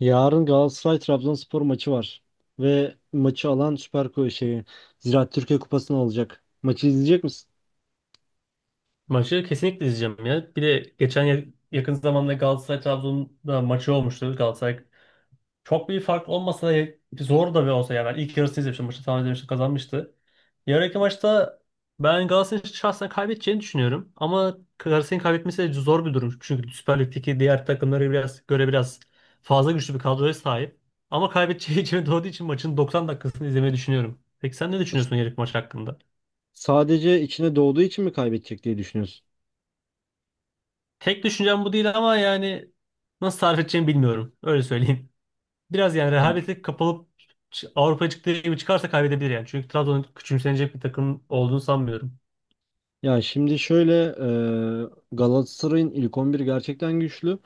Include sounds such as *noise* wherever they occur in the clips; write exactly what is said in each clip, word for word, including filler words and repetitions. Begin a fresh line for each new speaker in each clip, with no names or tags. Yarın Galatasaray Trabzonspor maçı var. Ve maçı alan Süper Kupa şeyi Ziraat Türkiye Kupası'nı alacak. Maçı izleyecek misin?
Maçı kesinlikle izleyeceğim ya. Bir de geçen ya- yakın zamanda Galatasaray Trabzon'da maçı olmuştu. Galatasaray çok bir fark olmasa da zor da bir olsa yani ben ilk yarısını izlemiştim. Maçı tahmin etmiştim kazanmıştı. Yarınki maçta ben Galatasaray'ın şahsen kaybedeceğini düşünüyorum. Ama Galatasaray'ın kaybetmesi de zor bir durum. Çünkü Süper Lig'deki diğer takımlara biraz, göre biraz fazla güçlü bir kadroya sahip. Ama kaybedeceği *laughs* içine doğduğu için maçın doksan dakikasını izlemeyi düşünüyorum. Peki sen ne
S-
düşünüyorsun yarınki maç hakkında?
Sadece içine doğduğu için mi kaybedecek diye düşünüyorsun?
Tek düşüncem bu değil ama yani nasıl tarif edeceğimi bilmiyorum. Öyle söyleyeyim. *laughs* Biraz yani rehavete kapılıp ç- Avrupa'ya çıktığı gibi çıkarsa kaybedebilir yani. Çünkü Trabzon'un küçümsenecek bir takım olduğunu sanmıyorum.
Ya şimdi şöyle, e, Galatasaray'ın ilk on bir gerçekten güçlü,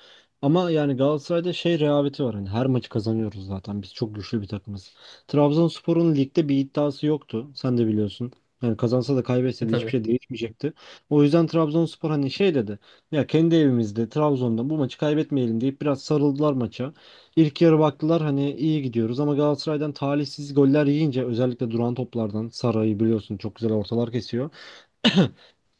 ama yani Galatasaray'da şey rehaveti var, hani her maçı kazanıyoruz zaten, biz çok güçlü bir takımız. Trabzonspor'un ligde bir iddiası yoktu, sen de biliyorsun. Yani kazansa da
E
kaybetse de hiçbir
tabii.
şey değişmeyecekti. O yüzden Trabzonspor hani şey dedi. Ya kendi evimizde, Trabzon'da bu maçı kaybetmeyelim deyip biraz sarıldılar maça. İlk yarı baktılar hani iyi gidiyoruz, ama Galatasaray'dan talihsiz goller yiyince, özellikle duran toplardan, Saray'ı biliyorsun çok güzel ortalar kesiyor.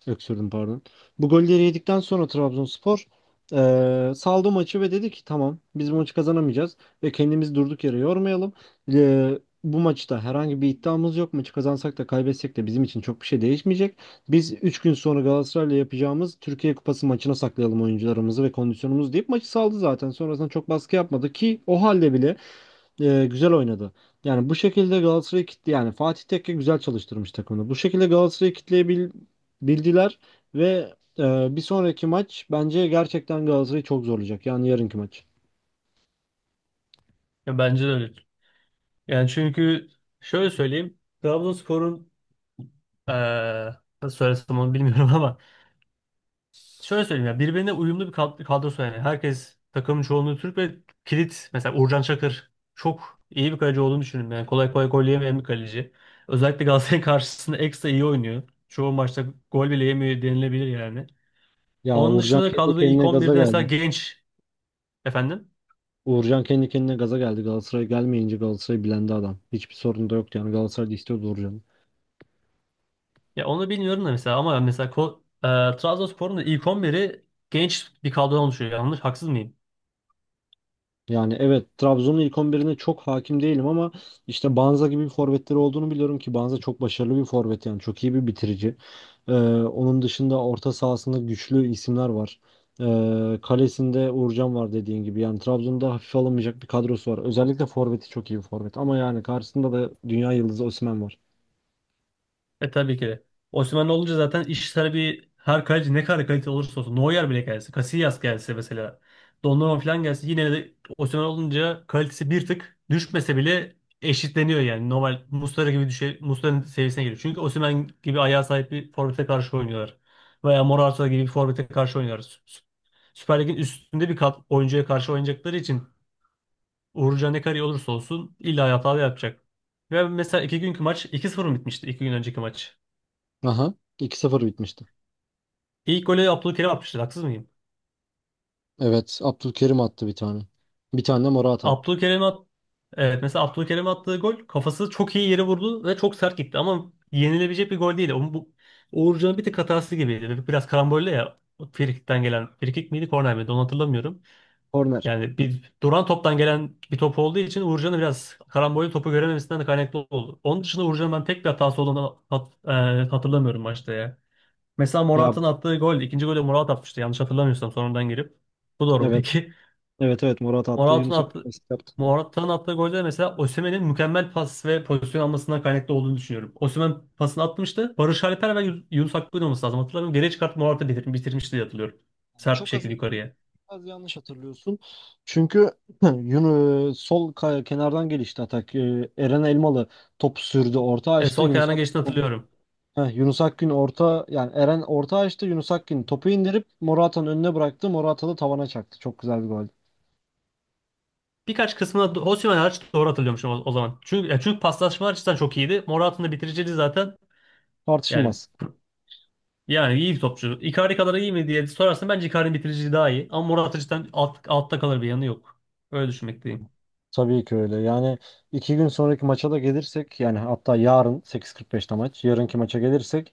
Öksürdüm, pardon. Bu golleri yedikten sonra Trabzonspor eee saldı maçı ve dedi ki tamam, biz bu maçı kazanamayacağız ve kendimizi durduk yere yormayalım. Eee, bu maçta herhangi bir iddiamız yok. Maçı kazansak da kaybetsek de bizim için çok bir şey değişmeyecek. Biz üç gün sonra Galatasaray'la yapacağımız Türkiye Kupası maçına saklayalım oyuncularımızı ve kondisyonumuzu deyip maçı saldı zaten. Sonrasında çok baskı yapmadı ki, o halde bile e, güzel oynadı. Yani bu şekilde Galatasaray'ı kitle, yani Fatih Tekke güzel çalıştırmış takımını. Bu şekilde Galatasaray'ı kitleyebildiler ve e, bir sonraki maç bence gerçekten Galatasaray'ı çok zorlayacak. Yani yarınki maç.
Ya bence de öyle. Yani çünkü şöyle söyleyeyim. Trabzonspor'un eee nasıl söylesem onu bilmiyorum *laughs* ama şöyle söyleyeyim ya birbirine uyumlu bir kad- kadrosu yani. Herkes takımın çoğunluğu Türk ve kilit mesela Uğurcan Çakır çok iyi bir kaleci olduğunu düşünüyorum. Yani kolay kolay gol yemeyen bir kaleci. Özellikle Galatasaray *laughs* karşısında ekstra iyi oynuyor. Çoğu maçta gol bile yemiyor denilebilir yani.
Ya
Onun
Uğurcan
dışında da
kendi
kadroda ilk
kendine gaza
on birde mesela
geldi.
genç efendim.
Uğurcan kendi kendine gaza geldi. Galatasaray gelmeyince Galatasaray bilendi adam. Hiçbir sorun da yoktu, yani Galatasaray da istiyordu Uğurcan'ı.
Ya onu bilmiyorum da mesela ama mesela Ko- e, Trabzonspor'un da ilk on biri genç bir kadrodan oluşuyor. Yanlış haksız mıyım?
Yani evet, Trabzon'un ilk on birine çok hakim değilim ama işte Banza gibi bir forvetleri olduğunu biliyorum ki Banza çok başarılı bir forvet, yani çok iyi bir bitirici. Ee, onun dışında orta sahasında güçlü isimler var. Ee, kalesinde Uğurcan var dediğin gibi, yani Trabzon'da hafife alınmayacak bir kadrosu var. Özellikle forveti çok iyi bir forvet, ama yani karşısında da dünya yıldızı Osimhen var.
E tabii ki de. Osimhen olunca zaten iş sana bir her kaleci ne kadar kalite olursa olsun. Neuer bile gelse. Casillas gelse mesela. Donnarumma falan gelse. Yine de Osimhen olunca kalitesi bir tık düşmese bile eşitleniyor yani. Normal Muslera gibi düşe, Muslera'nın seviyesine geliyor. Çünkü Osimhen gibi ayağa sahip bir forvete karşı oynuyorlar. Veya Morata gibi bir forvete karşı oynuyorlar. Sü- Sü- Süper Lig'in üstünde bir kat oyuncuya karşı oynayacakları için Uğurcan ne kadar iyi olursa olsun illa hata da yapacak. Ve mesela iki günkü maç iki sıfır mı bitmişti? İki gün önceki maç.
Aha. iki sıfır bitmişti.
İlk golü Abdülkerim atmıştır. Haksız mıyım?
Evet. Abdülkerim attı bir tane. Bir tane de Morata attı.
Abdülkerim at Evet, mesela Abdülkerim attığı gol kafası çok iyi yere vurdu ve çok sert gitti ama yenilebilecek bir gol değil. Onun bu Uğurcan'ın bir tık hatası gibiydi. Bir- Biraz karambolle ya Frikik'ten gelen Frikik miydi korner miydi onu hatırlamıyorum.
Korner.
Yani bir duran toptan gelen bir top olduğu için Uğurcan'ın biraz karambolle topu görememesinden de kaynaklı oldu. Onun dışında Uğurcan'ın ben tek bir hatası olduğunu hat- e, hatırlamıyorum maçta ya. Mesela
Ya,
Morata'nın attığı gol, ikinci golü Morata atmıştı yanlış hatırlamıyorsam sonradan girip. Bu doğru mu
evet,
peki? *laughs*
evet, evet, Morata attı,
Morata'nın
Yunus Akgün
attığı,
asist yaptı.
Morata'nın attığı golde mesela Osimhen'in mükemmel pas ve pozisyon almasından kaynaklı olduğunu düşünüyorum. Osimhen pasını atmıştı. Barış Alper ve Yun- Yunus Akgün olması lazım. Hatırlamıyorum. Geriye çıkartıp Morata bitir- bitirmişti diye hatırlıyorum. Sert bir
Çok az,
şekilde yukarıya.
az yanlış hatırlıyorsun. Çünkü *clears throat* *laughs* Yunus sol kay- kenardan gelişti atak. Ee, Eren Elmalı top sürdü, orta
E,
açtı.
sol
Yunus
kenardan geçtiğini
Akgün,
hatırlıyorum.
Heh, Yunus Akgün orta, yani Eren orta açtı. Yunus Akgün topu indirip Morata'nın önüne bıraktı. Morata da tavana çaktı. Çok güzel bir gol.
Birkaç kısmına do- Osimhen hariç doğru hatırlıyormuşum o, o zaman. Çünkü ya çünkü paslaşma açısından çok iyiydi. Morata'nın da bitiriciliği zaten yani
Tartışılmaz.
yani iyi bir topçu. Icardi kadar iyi mi diye sorarsan bence Icardi'nin bitiriciliği daha iyi. Ama Morata cidden alt, altta kalır bir yanı yok. Öyle düşünmekteyim.
Tabii ki öyle. Yani iki gün sonraki maça da gelirsek, yani hatta yarın sekiz kırk beş'te maç. Yarınki maça gelirsek,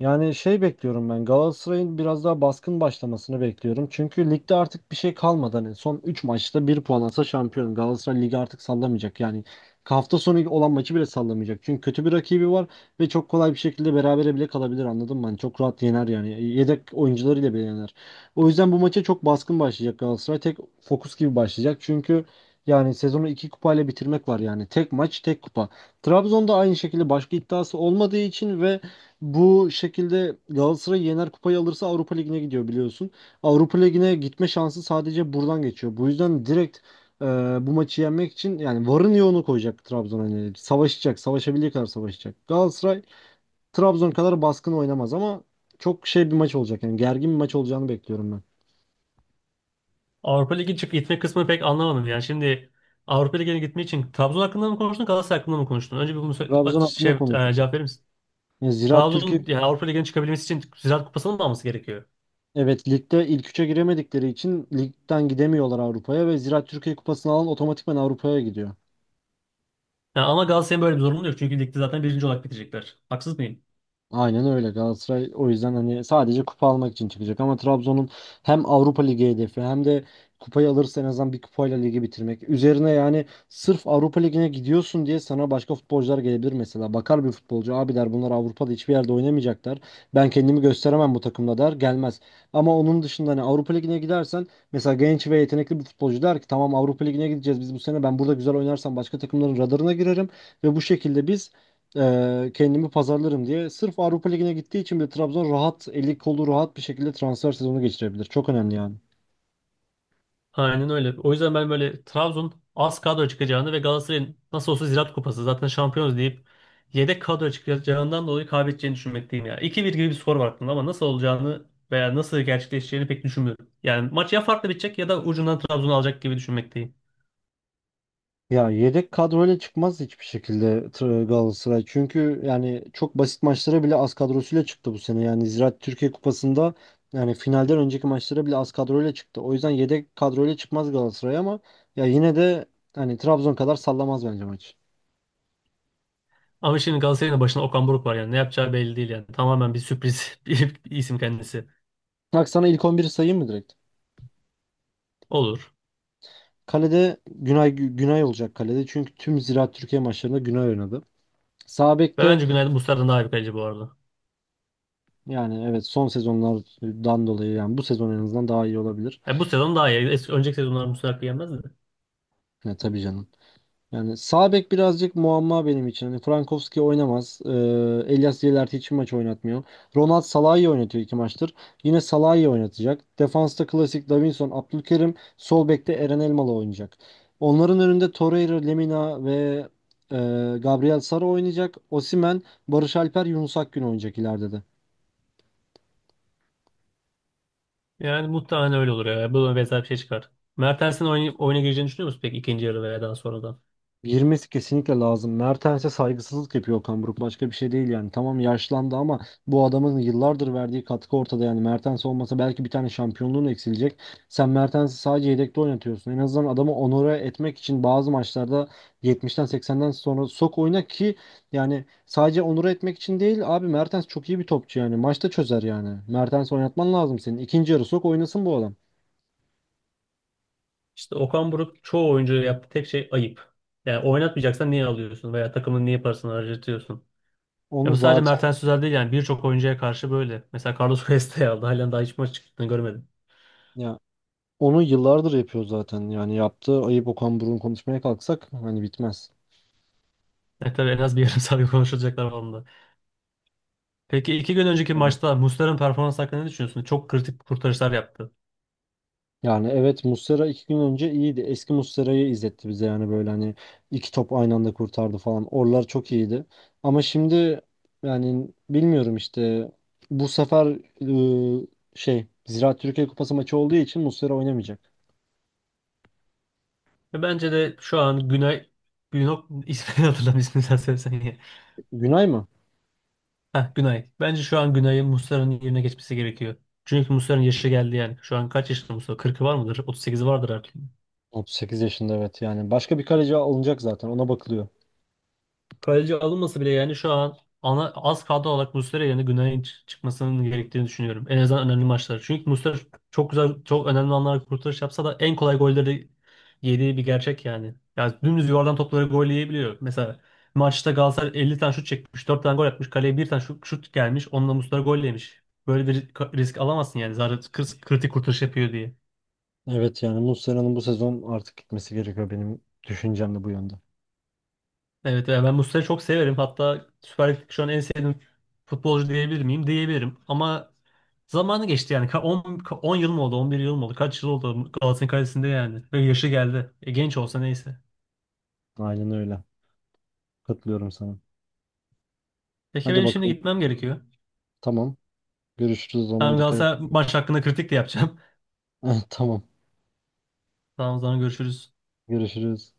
yani şey bekliyorum, ben Galatasaray'ın biraz daha baskın başlamasını bekliyorum. Çünkü ligde artık bir şey kalmadı. Hani son üç maçta bir puan alsa şampiyon. Galatasaray ligi artık sallamayacak. Yani hafta sonu olan maçı bile sallamayacak. Çünkü kötü bir rakibi var ve çok kolay bir şekilde berabere bile kalabilir, anladın mı? Hani çok rahat yener yani. Yedek oyuncularıyla bile yener. O yüzden bu maça çok baskın başlayacak Galatasaray. Tek fokus gibi başlayacak. Çünkü yani sezonu iki kupayla bitirmek var yani. Tek maç tek kupa. Trabzon'da aynı şekilde başka iddiası olmadığı için ve bu şekilde Galatasaray yener, kupayı alırsa Avrupa Ligi'ne gidiyor biliyorsun. Avrupa Ligi'ne gitme şansı sadece buradan geçiyor. Bu yüzden direkt e, bu maçı yenmek için yani varın yoğunu koyacak Trabzon. Hani savaşacak, savaşabildiği kadar savaşacak. Galatasaray Trabzon kadar baskın oynamaz, ama çok şey bir maç olacak. Yani gergin bir maç olacağını bekliyorum ben.
Avrupa Ligi çık Gitme kısmını pek anlamadım. Yani şimdi Avrupa Ligi'ne gitmek için Trabzon hakkında mı konuştun, Galatasaray hakkında mı konuştun? Önce bir bunu sö- a-
Trabzon
şey,
hakkında
e,
konuştuk.
cevap verir misin?
Yani Ziraat Türkiye
Trabzon yani Avrupa Ligi'ne çıkabilmesi için Ziraat Kupası'nı mı alması gerekiyor?
Evet, ligde ilk üçe giremedikleri için ligden gidemiyorlar Avrupa'ya ve Ziraat Türkiye Kupası'nı alan otomatikman Avrupa'ya gidiyor.
Yani ama Galatasaray'ın böyle bir zorunluluğu yok. Çünkü ligde zaten birinci olarak bitecekler. Haksız mıyım?
Aynen öyle, Galatasaray o yüzden hani sadece kupa almak için çıkacak, ama Trabzon'un hem Avrupa Ligi hedefi hem de kupayı alırsa en azından bir kupayla ligi bitirmek. Üzerine, yani sırf Avrupa Ligi'ne gidiyorsun diye sana başka futbolcular gelebilir mesela. Bakar bir futbolcu, abi der, bunlar Avrupa'da hiçbir yerde oynamayacaklar. Ben kendimi gösteremem bu takımda der, gelmez. Ama onun dışında hani Avrupa Ligi'ne gidersen mesela genç ve yetenekli bir futbolcu der ki tamam, Avrupa Ligi'ne gideceğiz biz bu sene, ben burada güzel oynarsam başka takımların radarına girerim ve bu şekilde biz ee, kendimi pazarlarım diye. Sırf Avrupa Ligi'ne gittiği için bile Trabzon rahat, eli kolu rahat bir şekilde transfer sezonu geçirebilir. Çok önemli yani.
Aynen öyle. O yüzden ben böyle Trabzon az kadro çıkacağını ve Galatasaray'ın nasıl olsa Ziraat Kupası zaten şampiyonuz deyip yedek kadro çıkacağından dolayı kaybedeceğini düşünmekteyim ya. iki bir gibi bir skor var aklımda ama nasıl olacağını veya nasıl gerçekleşeceğini pek düşünmüyorum. Yani maç ya farklı bitecek ya da ucundan Trabzon'u alacak gibi düşünmekteyim.
Ya yedek kadroyla çıkmaz hiçbir şekilde Tra- Galatasaray. Çünkü yani çok basit maçlara bile az kadrosuyla çıktı bu sene. Yani Ziraat Türkiye Kupası'nda, yani finalden önceki maçlara bile az kadroyla çıktı. O yüzden yedek kadroyla çıkmaz Galatasaray, ama ya yine de hani Trabzon kadar sallamaz bence maç.
Ama şimdi Galatasaray'ın da başında Okan Buruk var yani ne yapacağı belli değil yani. Tamamen bir sürpriz *laughs* bir isim kendisi.
Bak sana ilk on biri sayayım mı direkt?
Olur.
Kalede Günay Günay olacak kalede. Çünkü tüm Ziraat Türkiye maçlarında Günay oynadı. Sağ
Ve
bekte,
bence Günaydın Muslera'dan daha iyi bir kaleci bu arada.
yani evet, son sezonlardan dolayı yani bu sezon en azından daha iyi olabilir.
Yani bu sezon daha iyi. Eski, önceki sezonlar Muslera kıyamazdı.
Ya tabii canım. Yani sağ bek birazcık muamma benim için. Hani Frankowski oynamaz. Ee, Elias Yelerti hiç maç oynatmıyor. Ronald Salah'ı oynatıyor iki maçtır. Yine Salah'ı oynatacak. Defansta klasik Davinson, Abdülkerim. Sol bekte Eren Elmalı oynayacak. Onların önünde Torreira, Lemina ve e, Gabriel Sara oynayacak. Osimhen, Barış Alper, Yunus Akgün oynayacak ileride de.
Yani muhtemelen öyle olur ya. Böyle benzer bir şey çıkar. Mertens'in oyun, oyuna gireceğini düşünüyor musun peki ikinci yarı veya daha sonradan?
Girmesi kesinlikle lazım. Mertens'e saygısızlık yapıyor Okan Buruk. Başka bir şey değil yani. Tamam yaşlandı, ama bu adamın yıllardır verdiği katkı ortada yani. Mertens olmasa belki bir tane şampiyonluğun eksilecek. Sen Mertens'i sadece yedekte oynatıyorsun. En azından adamı onore etmek için bazı maçlarda yetmişten seksenden sonra sok oyna ki, yani sadece onore etmek için değil abi, Mertens çok iyi bir topçu yani. Maçta çözer yani. Mertens'i oynatman lazım senin. İkinci yarı sok oynasın bu adam.
İşte Okan Buruk çoğu oyuncuya yaptığı tek şey ayıp. Yani oynatmayacaksan niye alıyorsun veya takımın niye parasını harcatıyorsun? Ya
Onu
bu sadece
zaten
Mertens özel değil yani birçok oyuncuya karşı böyle. Mesela Carlos Cuesta'yı aldı. Halen daha hiç maç çıktığını görmedim.
ya Onu yıllardır yapıyor zaten. Yani yaptığı ayıp Okan Buruk'un, konuşmaya kalksak hani bitmez.
Yani tabii en az bir yarım *laughs* saat konuşulacaklar var onda. Peki iki gün önceki
Öyle.
maçta Muslera'nın performans hakkında ne düşünüyorsun? Çok kritik kurtarışlar yaptı.
Yani evet, Muslera iki gün önce iyiydi. Eski Muslera'yı izletti bize, yani böyle hani iki top aynı anda kurtardı falan. Oralar çok iyiydi. Ama şimdi yani bilmiyorum işte, bu sefer ıı, şey Ziraat Türkiye Kupası maçı olduğu için Muslera oynamayacak.
Ve bence de şu an Günay Günok ismini *laughs* hatırlam ismini sen söylesen
Günay mı?
heh, Günay. Bence şu an Günay'ın Muslera'nın yerine geçmesi gerekiyor. Çünkü Muslera'nın yaşı geldi yani. Şu an kaç yaşında Muslera? kırkı var mıdır? otuz sekizi vardır artık.
otuz sekiz yaşında, evet, yani başka bir kaleci alınacak zaten, ona bakılıyor.
Kaleci alınması bile yani şu an ana, az kadro olarak Muslera yerine Günay'ın çı- çıkmasının gerektiğini düşünüyorum. En azından önemli maçlar. Çünkü Muslera çok güzel, çok önemli anlarda kurtarış yapsa da en kolay golleri yediği bir gerçek yani. Yani dümdüz yuvardan topları gol yiyebiliyor. Mesela maçta Galatasaray elli tane şut çekmiş, dört tane gol atmış. Kaleye bir tane şut, şut gelmiş, onunla Muslera gol yemiş. Böyle bir ka- risk alamazsın yani. Zaten kır- kritik kurtarış yapıyor diye.
Evet, yani Muslera'nın bu sezon artık gitmesi gerekiyor, benim düşüncem de bu yönde.
Evet, evet. Ben Muslera'yı çok severim. Hatta Süper Lig'deki şu an en sevdiğim futbolcu diyebilir miyim? Diyebilirim. Ama zamanı geçti yani. on on yıl mı oldu? on bir yıl mı oldu? Kaç yıl oldu Galatasaray'ın kalesinde yani? Ve yaşı geldi. E, genç olsa neyse.
Aynen öyle. Katılıyorum sana.
Peki
Hadi
benim şimdi
bakalım.
gitmem gerekiyor.
Tamam. Görüşürüz o zaman,
Ben
dikkat et.
Galatasaray maç hakkında kritik de yapacağım.
*laughs* Tamam.
*laughs* Tamam o zaman görüşürüz.
Görüşürüz.